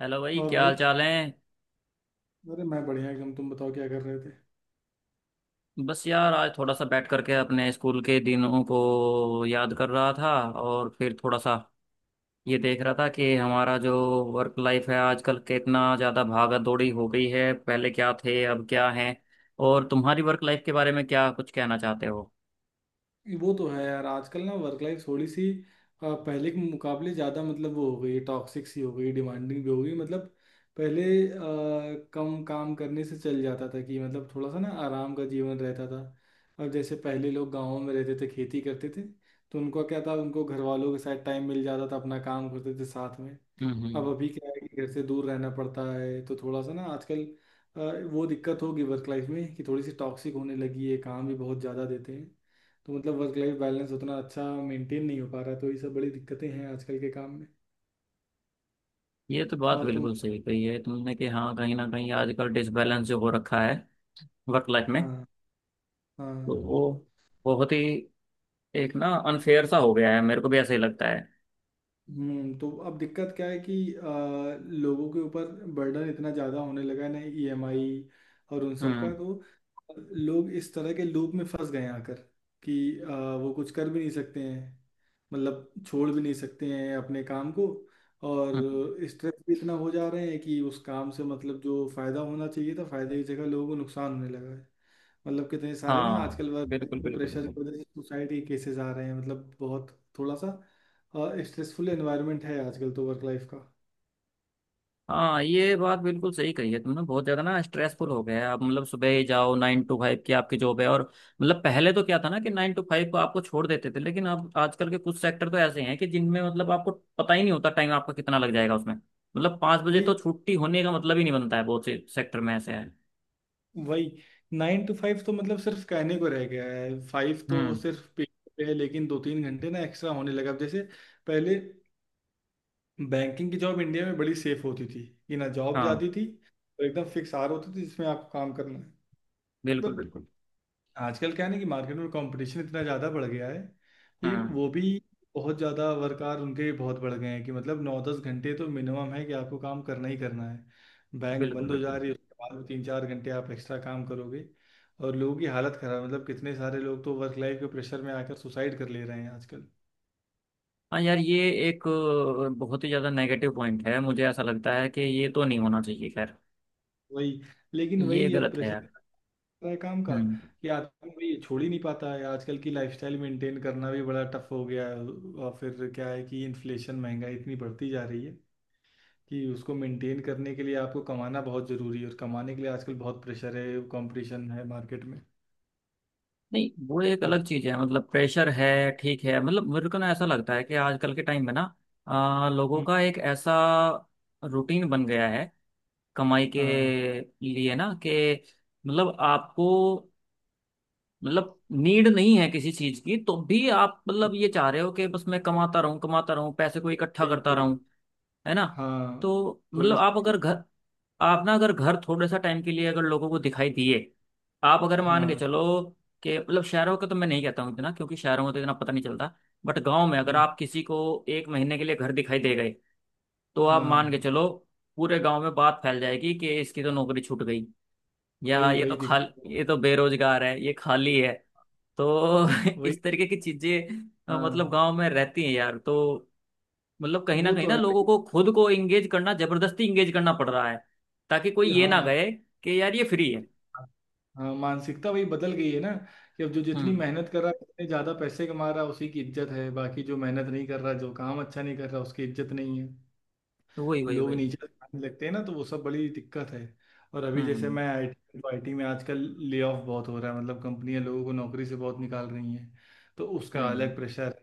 Hello भाई, और क्या हाल भाई। चाल है। अरे मैं बढ़िया एकदम। तुम बताओ क्या कर रहे थे? बस यार, आज थोड़ा सा बैठ करके अपने स्कूल के दिनों को याद कर रहा था और फिर थोड़ा सा ये देख रहा था कि हमारा जो वर्क लाइफ है आजकल कितना ज़्यादा भागा दौड़ी हो गई है, पहले क्या थे अब क्या हैं। और तुम्हारी वर्क लाइफ के बारे में क्या कुछ कहना चाहते हो। ये वो तो है यार, आजकल ना वर्क लाइफ थोड़ी सी पहले के मुकाबले ज़्यादा, मतलब वो हो गई टॉक्सिक सी, हो गई डिमांडिंग भी, हो गई मतलब। पहले अ, कम काम करने से चल जाता था, कि मतलब थोड़ा सा ना आराम का जीवन रहता था। अब जैसे पहले लोग गाँव में रहते थे, खेती करते थे, तो उनका क्या था, उनको घर वालों के साथ टाइम मिल जाता था, अपना काम करते थे साथ में। अब हम्म। अभी क्या है कि घर से दूर रहना पड़ता है, तो थोड़ा सा ना आजकल अ, वो दिक्कत होगी वर्क लाइफ में, कि थोड़ी सी टॉक्सिक होने लगी है, काम भी बहुत ज़्यादा देते हैं। तो मतलब वर्क लाइफ बैलेंस उतना अच्छा मेंटेन नहीं हो पा रहा है, तो ये सब बड़ी दिक्कतें हैं आजकल के काम में। ये तो बात और तुम? बिल्कुल सही कही है तुमने कि हाँ, कहीं ना कहीं आजकल डिसबैलेंस जो हो रखा है वर्क लाइफ में। हाँ। हाँ। तो वो बहुत ही एक ना अनफेयर सा हो गया है, मेरे को भी ऐसा ही लगता है। हम्म। तो अब दिक्कत क्या है कि लोगों के ऊपर बर्डन इतना ज़्यादा होने लगा है ना, ईएमआई और उन सब का हम्म। तो लोग इस तरह के लूप में फंस गए हैं आकर, कि वो कुछ कर भी नहीं सकते हैं, मतलब छोड़ भी नहीं सकते हैं अपने काम को, हम्म। और स्ट्रेस भी इतना हो जा रहे हैं कि उस काम से मतलब जो फ़ायदा होना चाहिए था, फ़ायदे की जगह लोगों को नुकसान होने लगा है। मतलब कितने सारे ना हाँ, आजकल वर्क बिल्कुल बिल्कुल प्रेशर बिल्कुल। की वजह से सुसाइड के केसेस आ रहे हैं, मतलब बहुत थोड़ा सा स्ट्रेसफुल एनवायरनमेंट है आजकल तो वर्क लाइफ का। हाँ, ये बात बिल्कुल सही कही है तुमने, बहुत ज्यादा ना स्ट्रेसफुल हो गया है। आप मतलब सुबह ही जाओ, 9 to 5 की आपकी जॉब है। और मतलब पहले तो क्या था ना कि 9 to 5 को आपको छोड़ देते थे, लेकिन अब आजकल के कुछ सेक्टर तो ऐसे हैं कि जिनमें मतलब आपको पता ही नहीं होता टाइम आपका कितना लग जाएगा उसमें। मतलब 5 बजे वही तो छुट्टी होने का मतलब ही नहीं बनता है, बहुत से सेक्टर में ऐसे है। वही। 9 to 5 तो मतलब सिर्फ कहने को रह गया है, 5 तो हम्म। सिर्फ पेपर पे है, लेकिन 2-3 घंटे ना एक्स्ट्रा होने लगा। अब जैसे पहले बैंकिंग की जॉब इंडिया में बड़ी सेफ होती थी कि ना जॉब हाँ, जाती थी, और एकदम फिक्स आर होती थी, जिसमें आपको काम करना है। बिल्कुल बिल्कुल। आजकल क्या है ना कि मार्केट में कंपटीशन इतना ज़्यादा बढ़ गया है, कि हम्म। वो भी बहुत ज़्यादा वर्क आवर उनके बहुत बढ़ गए हैं, कि मतलब 9-10 घंटे तो मिनिमम है, कि आपको काम करना ही करना है। बैंक बिल्कुल बंद हो जा बिल्कुल। रही है, उसके बाद भी 3-4 घंटे आप एक्स्ट्रा काम करोगे। और लोगों की हालत खराब, मतलब कितने सारे लोग तो वर्क लाइफ के प्रेशर में आकर सुसाइड कर ले रहे हैं आजकल। हाँ यार, ये एक बहुत ही ज्यादा नेगेटिव पॉइंट है, मुझे ऐसा लगता है कि ये तो नहीं होना चाहिए। खैर, वही। लेकिन ये वही अब गलत है प्रेशर यार। है काम का, हम्म। कि आदमी भाई छोड़ ही नहीं पाता है। आजकल की लाइफस्टाइल मेंटेन करना भी बड़ा टफ हो गया है। और फिर क्या है कि इन्फ्लेशन, महंगाई इतनी बढ़ती जा रही है, कि उसको मेंटेन करने के लिए आपको कमाना बहुत ज़रूरी है, और कमाने के लिए आजकल बहुत प्रेशर है, कंपटीशन है मार्केट में। नहीं, वो एक अब- अलग चीज है। मतलब प्रेशर है, ठीक है। मतलब मेरे को ना ऐसा लगता है कि आजकल के टाइम में ना लोगों हम्म। का एक ऐसा रूटीन बन गया है कमाई के हाँ। लिए ना, कि मतलब आपको मतलब नीड नहीं है किसी चीज की, तो भी आप मतलब ये चाह रहे हो कि बस मैं कमाता रहूं पैसे को इकट्ठा वही करता, वही। है ना। हाँ तो थोड़ी मतलब सी। आप ना अगर घर थोड़े सा टाइम के लिए अगर लोगों को दिखाई दिए, आप अगर मान के हाँ। चलो कि मतलब शहरों का तो मैं नहीं कहता हूँ इतना, क्योंकि शहरों में तो इतना पता नहीं चलता। बट गांव में अगर हम्म। आप किसी को 1 महीने के लिए घर दिखाई दे गए, तो आप मान के हाँ चलो पूरे गांव में बात फैल जाएगी कि इसकी तो नौकरी छूट गई, या वही वही दिक्कत है। ये तो बेरोजगार है, ये खाली है। तो वही। इस तरीके की चीजें मतलब हाँ गांव में रहती हैं यार। तो मतलब वो कहीं तो ना है लोगों भाई। को खुद को इंगेज करना जबरदस्ती इंगेज करना पड़ रहा है, ताकि कोई ये ना हाँ। कहे कि यार ये फ्री है। हाँ मानसिकता वही बदल गई है ना, कि अब जो जितनी हम्म। मेहनत कर रहा है उतने ज्यादा पैसे कमा रहा है, उसी की इज्जत है, बाकी जो मेहनत नहीं कर रहा, जो काम अच्छा नहीं कर रहा उसकी इज्जत नहीं है। वही वही लोग वही। नीचे दिखाने लगते हैं ना, तो वो सब बड़ी दिक्कत है। और अभी जैसे हम्म। मैं आईटी, तो आईटी में आजकल ले ऑफ बहुत हो रहा है, मतलब कंपनियां लोगों को नौकरी से बहुत निकाल रही हैं। तो उसका अलग हम्म। प्रेशर।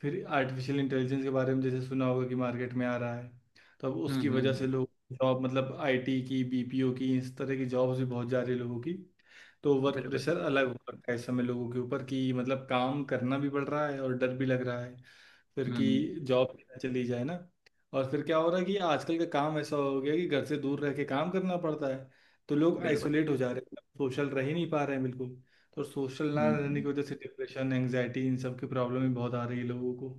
फिर आर्टिफिशियल इंटेलिजेंस के बारे में जैसे सुना होगा कि मार्केट में आ रहा है, तो अब हम्म। उसकी हम्म। वजह से लोग जॉब, मतलब आईटी की, बीपीओ की, इस तरह की जॉब्स भी बहुत जा रही है लोगों की। तो वर्क बिल्कुल प्रेशर बिल्कुल। अलग हो रखा है इस समय लोगों के ऊपर, कि मतलब काम करना भी पड़ रहा है, और डर भी लग रहा है फिर कि हम्म। जॉब चली जाए ना। और फिर क्या हो रहा है कि आजकल का काम ऐसा हो गया कि घर से दूर रह के काम करना पड़ता है, तो लोग बिल्कुल। आइसोलेट हो जा रहे हैं, सोशल रह ही नहीं पा रहे हैं बिल्कुल। तो सोशल ना हम्म। रहने हम्म। की वजह से डिप्रेशन, एंग्जाइटी इन सब की प्रॉब्लम ही बहुत आ रही है लोगों को।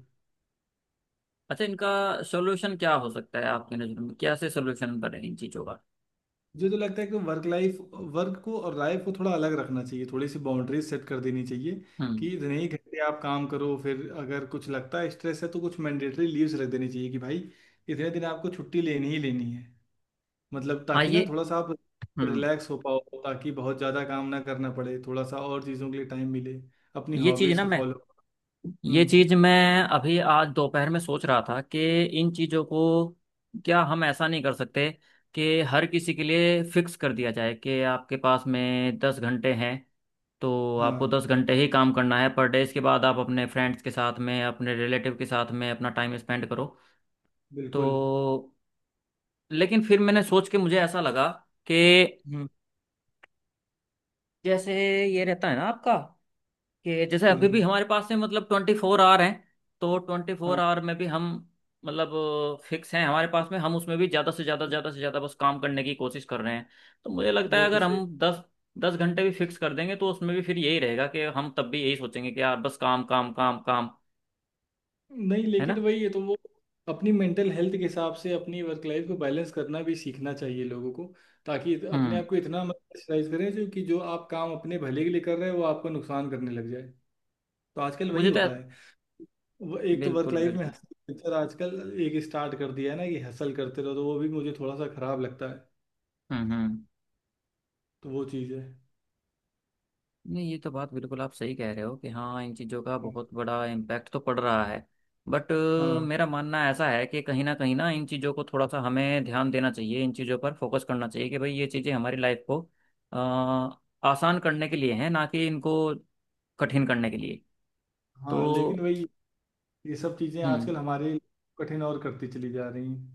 अच्छा, इनका सोल्यूशन क्या हो सकता है आपकी नज़र में, क्या से सोल्यूशन बने इन चीज़ों का। मुझे तो लगता है कि वर्क लाइफ, वर्क को और लाइफ को थोड़ा अलग रखना चाहिए, थोड़ी सी बाउंड्रीज सेट कर देनी चाहिए हम्म। कि इतने ही घंटे आप काम करो। फिर अगर कुछ लगता है स्ट्रेस है तो कुछ मैंडेटरी लीव्स रख देनी चाहिए कि भाई इतने दिन आपको छुट्टी लेनी ही लेनी है, मतलब हाँ, ताकि ये ना थोड़ा सा आप हम्म। रिलैक्स हो पाओ, ताकि बहुत ज़्यादा काम ना करना पड़े, थोड़ा सा और चीज़ों के लिए टाइम मिले, अपनी ये चीज़ हॉबीज़ ना को मैं फॉलो। ये हम्म। चीज मैं अभी आज दोपहर में सोच रहा था कि इन चीजों को, क्या हम ऐसा नहीं कर सकते कि हर किसी के लिए फिक्स कर दिया जाए कि आपके पास में 10 घंटे हैं, तो हाँ आपको 10 घंटे ही काम करना है पर डे। इसके बाद आप अपने फ्रेंड्स के साथ में अपने रिलेटिव के साथ में अपना टाइम स्पेंड करो। बिल्कुल। तो लेकिन फिर मैंने सोच के मुझे ऐसा लगा कि हम्म। जैसे ये रहता है ना आपका, कि जैसे अभी भी हाँ। हमारे पास में मतलब 24 आवर हैं, तो ट्वेंटी फोर हाँ। आवर में भी हम मतलब फिक्स हैं हमारे पास में, हम उसमें भी ज़्यादा से ज़्यादा बस काम करने की कोशिश कर रहे हैं। तो मुझे लगता है वो तो अगर सही। हम दस दस घंटे भी फिक्स कर देंगे, तो उसमें भी फिर यही रहेगा कि हम तब भी यही सोचेंगे कि यार बस काम काम काम काम, नहीं है लेकिन ना। वही है, तो वो अपनी मेंटल हेल्थ के हिसाब से अपनी वर्क लाइफ को बैलेंस करना भी सीखना चाहिए लोगों को, ताकि अपने हम्म। आप को इतना मत प्रेशराइज करें, जो कि जो आप काम अपने भले के लिए कर रहे हैं वो आपको नुकसान करने लग जाए। तो आजकल वही मुझे तो। होता है। वो एक तो वर्क बिल्कुल लाइफ में बिल्कुल। हसल कल्चर आजकल एक स्टार्ट कर दिया है ना, कि हसल करते रहो, तो वो भी मुझे थोड़ा सा खराब लगता है। हम्म। हम्म। तो वो चीज़ है। नहीं, ये तो बात बिल्कुल आप सही कह रहे हो कि हाँ, इन चीज़ों का बहुत बड़ा इम्पैक्ट तो पड़ रहा है। बट हाँ। मेरा मानना ऐसा है कि कहीं ना इन चीज़ों को थोड़ा सा हमें ध्यान देना चाहिए, इन चीज़ों पर फोकस करना चाहिए कि भाई ये चीज़ें हमारी लाइफ को आसान करने के लिए हैं, ना कि इनको कठिन करने के लिए। हाँ लेकिन तो वही ये सब चीज़ें हम्म। आजकल हमारे कठिन और करती चली जा रही हैं।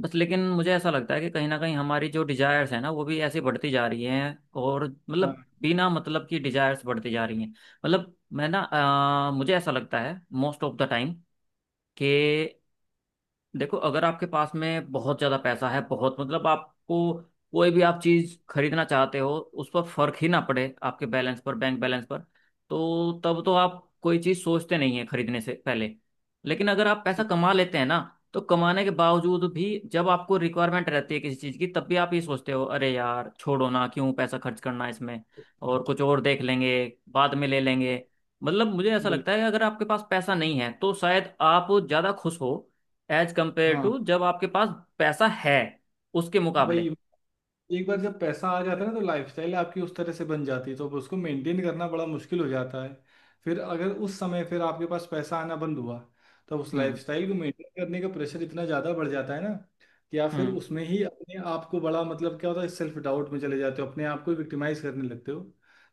बस लेकिन मुझे ऐसा लगता है कि कहीं ना कहीं हमारी जो डिजायर्स है ना, वो भी ऐसी बढ़ती जा रही हैं और मतलब हाँ बिना मतलब की डिजायर्स बढ़ती जा रही हैं। मतलब मैं ना मुझे ऐसा लगता है मोस्ट ऑफ द टाइम कि देखो, अगर आपके पास में बहुत ज्यादा पैसा है, बहुत मतलब आपको कोई भी आप चीज खरीदना चाहते हो उस पर फर्क ही ना पड़े आपके बैलेंस पर बैंक बैलेंस पर, तो तब तो आप कोई चीज सोचते नहीं है खरीदने से पहले। लेकिन अगर आप पैसा सही। कमा लेते हैं ना, तो कमाने के बावजूद भी जब आपको रिक्वायरमेंट रहती है किसी चीज की, तब भी आप ये सोचते हो अरे यार छोड़ो ना, क्यों पैसा खर्च करना इसमें, और कुछ और देख लेंगे, बाद में ले लेंगे। मतलब मुझे ऐसा बिल्कुल। लगता है कि अगर आपके पास पैसा नहीं है, तो शायद आप ज्यादा खुश हो, एज कंपेयर हाँ। टू जब आपके पास पैसा है, उसके मुकाबले। वही एक बार जब पैसा आ जाता है ना तो लाइफस्टाइल आपकी उस तरह से बन जाती है, तो अब उसको मेंटेन करना बड़ा मुश्किल हो जाता है। फिर अगर उस समय फिर आपके पास पैसा आना बंद हुआ, तो उस हम्म। लाइफस्टाइल को मेंटेन करने का प्रेशर इतना ज़्यादा बढ़ जाता है ना, कि आप फिर हम्म। उसमें ही अपने आप को बड़ा, मतलब क्या होता है, सेल्फ डाउट में चले जाते हो, अपने आप को विक्टिमाइज करने लगते हो।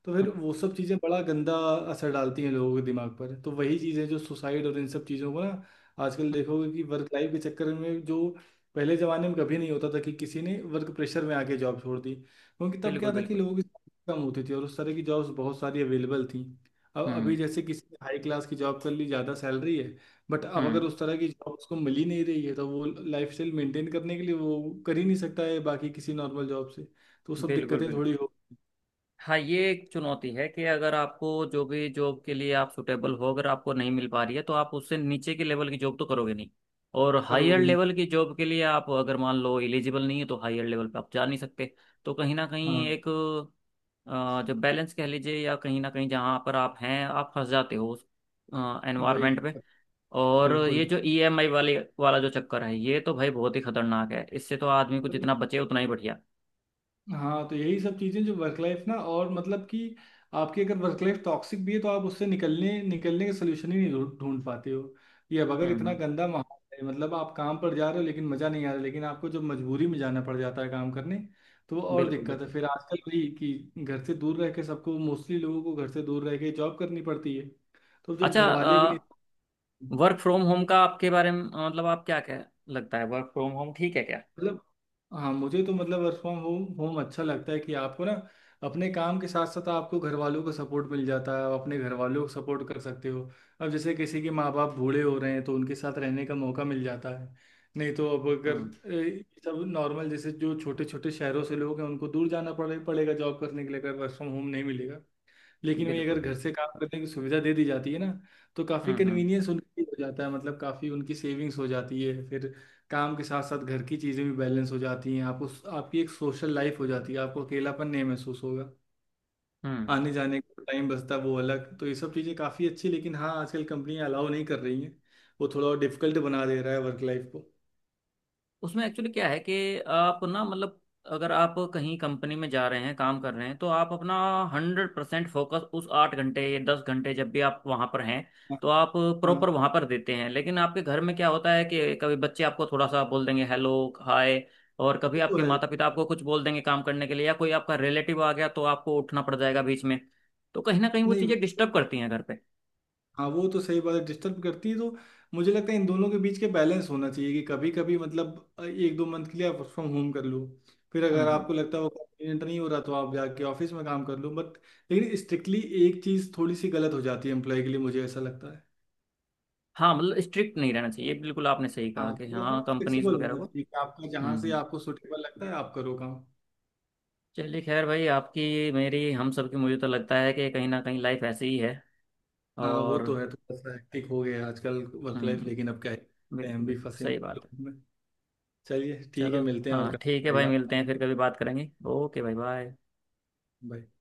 तो हम्म। फिर वो सब चीज़ें बड़ा गंदा असर डालती हैं लोगों के दिमाग पर। तो वही चीज़ें जो सुसाइड और इन सब चीज़ों को ना, आजकल देखोगे कि वर्क लाइफ के चक्कर में जो पहले जमाने में कभी नहीं होता था, कि किसी ने वर्क प्रेशर में आके जॉब छोड़ दी, क्योंकि तब बिल्कुल क्या था कि बिल्कुल। लोगों की salary कम होती थी और उस तरह की जॉब्स बहुत सारी अवेलेबल थी। अब अभी हम्म। जैसे किसी ने हाई क्लास की जॉब कर ली, ज़्यादा सैलरी है, बट अब अगर हम्म, उस तरह की जॉब उसको मिल ही नहीं रही है, तो वो लाइफस्टाइल मेंटेन करने के लिए वो कर ही नहीं सकता है, बाकी किसी नॉर्मल जॉब से तो वो सब बिल्कुल दिक्कतें बिल्कुल। थोड़ी हो हाँ, ये एक चुनौती है कि अगर आपको जो भी जॉब के लिए आप सुटेबल हो, अगर आपको नहीं मिल पा रही है, तो आप उससे नीचे के लेवल की जॉब तो करोगे नहीं। और कर हायर होगी नहीं। लेवल की जॉब के लिए आप अगर मान लो एलिजिबल नहीं है, तो हायर लेवल पे आप जा नहीं सकते। तो कहीं ना कहीं हाँ एक जो बैलेंस कह लीजिए, या कहीं ना कहीं जहाँ पर आप हैं आप फंस जाते हो उस वही एनवायरमेंट में। दिक्कत। और ये बिल्कुल। जो ईएमआई वाले वाला जो चक्कर है, ये तो भाई बहुत ही खतरनाक है, इससे तो आदमी को जितना बचे उतना ही बढ़िया। हाँ तो यही सब चीजें जो वर्क लाइफ ना, और मतलब कि आपकी अगर वर्क लाइफ टॉक्सिक भी है तो आप उससे निकलने निकलने के सोल्यूशन ही नहीं ढूंढ ढूंढ पाते हो। ये अब अगर हम्म। इतना गंदा माहौल है, मतलब आप काम पर जा रहे हो लेकिन मजा नहीं आ रहा, लेकिन आपको जब मजबूरी में जाना पड़ जाता है काम करने, तो वो और बिल्कुल दिक्कत है। बिल्कुल। फिर आजकल वही कि घर से दूर रह के सबको, मोस्टली लोगों को घर से दूर रह के जॉब करनी पड़ती है। तो जब अच्छा, घर वाले भी नहीं। वर्क फ्रॉम होम का आपके बारे में मतलब आप क्या क्या लगता है, वर्क फ्रॉम होम ठीक है क्या। मतलब हाँ, मुझे तो मतलब वर्क फ्रॉम होम होम अच्छा लगता है, कि आपको ना अपने काम के साथ साथ आपको घर वालों का सपोर्ट मिल जाता है, आप अपने घर वालों को सपोर्ट कर सकते हो। अब जैसे किसी के माँ बाप बूढ़े हो रहे हैं, तो उनके साथ रहने का मौका मिल जाता है। नहीं तो अब हम्म। अगर सब नॉर्मल जैसे जो छोटे छोटे शहरों से लोग हैं, उनको दूर जाना पड़ेगा जॉब करने के लिए अगर वर्क फ्रॉम होम नहीं मिलेगा। लेकिन वही बिल्कुल अगर घर बिल्कुल। से काम करने की सुविधा दे दी जाती है ना, तो काफ़ी हम्म। हम्म। कन्वीनियंस उनके लिए हो जाता है, मतलब काफ़ी उनकी सेविंग्स हो जाती है फिर। काम के साथ साथ घर की चीज़ें भी बैलेंस हो जाती हैं आपको, आपकी एक सोशल लाइफ हो जाती है, आपको अकेलापन नहीं महसूस होगा। हम्म। आने जाने का टाइम बचता है वो अलग, तो ये सब चीज़ें काफ़ी अच्छी। लेकिन हाँ आजकल कंपनियां अलाउ नहीं कर रही हैं, वो थोड़ा डिफिकल्ट बना दे रहा है वर्क लाइफ को। उसमें एक्चुअली क्या है कि आप ना मतलब, अगर आप कहीं कंपनी में जा रहे हैं काम कर रहे हैं, तो आप अपना 100% फोकस उस 8 घंटे या 10 घंटे जब भी आप वहाँ पर हैं, हाँ। तो आप हाँ। प्रॉपर वहाँ पर देते हैं। लेकिन आपके घर में क्या होता है कि कभी बच्चे आपको थोड़ा सा बोल देंगे हेलो हाय, और कभी वो तो आपके है। माता पिता आपको कुछ बोल देंगे काम करने के लिए, या कोई आपका रिलेटिव आ गया तो आपको उठना पड़ जाएगा बीच में। तो कहीं ना कहीं वो नहीं। चीज़ें डिस्टर्ब करती हैं घर पे। हाँ वो तो सही बात है, डिस्टर्ब करती है, तो मुझे लगता है इन दोनों के बीच के बैलेंस होना चाहिए, कि कभी कभी मतलब 1-2 मंथ के लिए आप वर्क फ्रॉम होम कर लो, फिर हम्म। अगर हम्म। आपको लगता है वो कन्वीनियंट नहीं हो रहा तो आप जाके ऑफिस में काम कर लो, बट लेकिन स्ट्रिक्टली एक चीज़ थोड़ी सी गलत हो जाती है एम्प्लॉय के लिए, मुझे ऐसा लगता है। हाँ, मतलब स्ट्रिक्ट नहीं रहना चाहिए, ये बिल्कुल आपने सही कहा हाँ कि थोड़ा सा हाँ कंपनीज फ्लेक्सिबल वगैरह होना को। चाहिए, कि आपका हम्म। जहाँ से हम्म। आपको सुटेबल लगता है आप करो काम। चलिए खैर भाई, आपकी मेरी हम सबकी मुझे तो लगता है कि कहीं ना कहीं लाइफ ऐसी ही है। हाँ वो और तो है, थोड़ा सा हेक्टिक हो गया है आजकल वर्क लाइफ, लेकिन हम्म। अब क्या है, बिल्कुल हम भी बिल्कुल फंसे हुए सही हैं उन बात है। लोगों में। चलिए ठीक है, चलो, मिलते हैं और हाँ ठीक है करते हैं भाई, मिलते हैं बात। फिर कभी बात करेंगे। ओके भाई, बाय। बाय।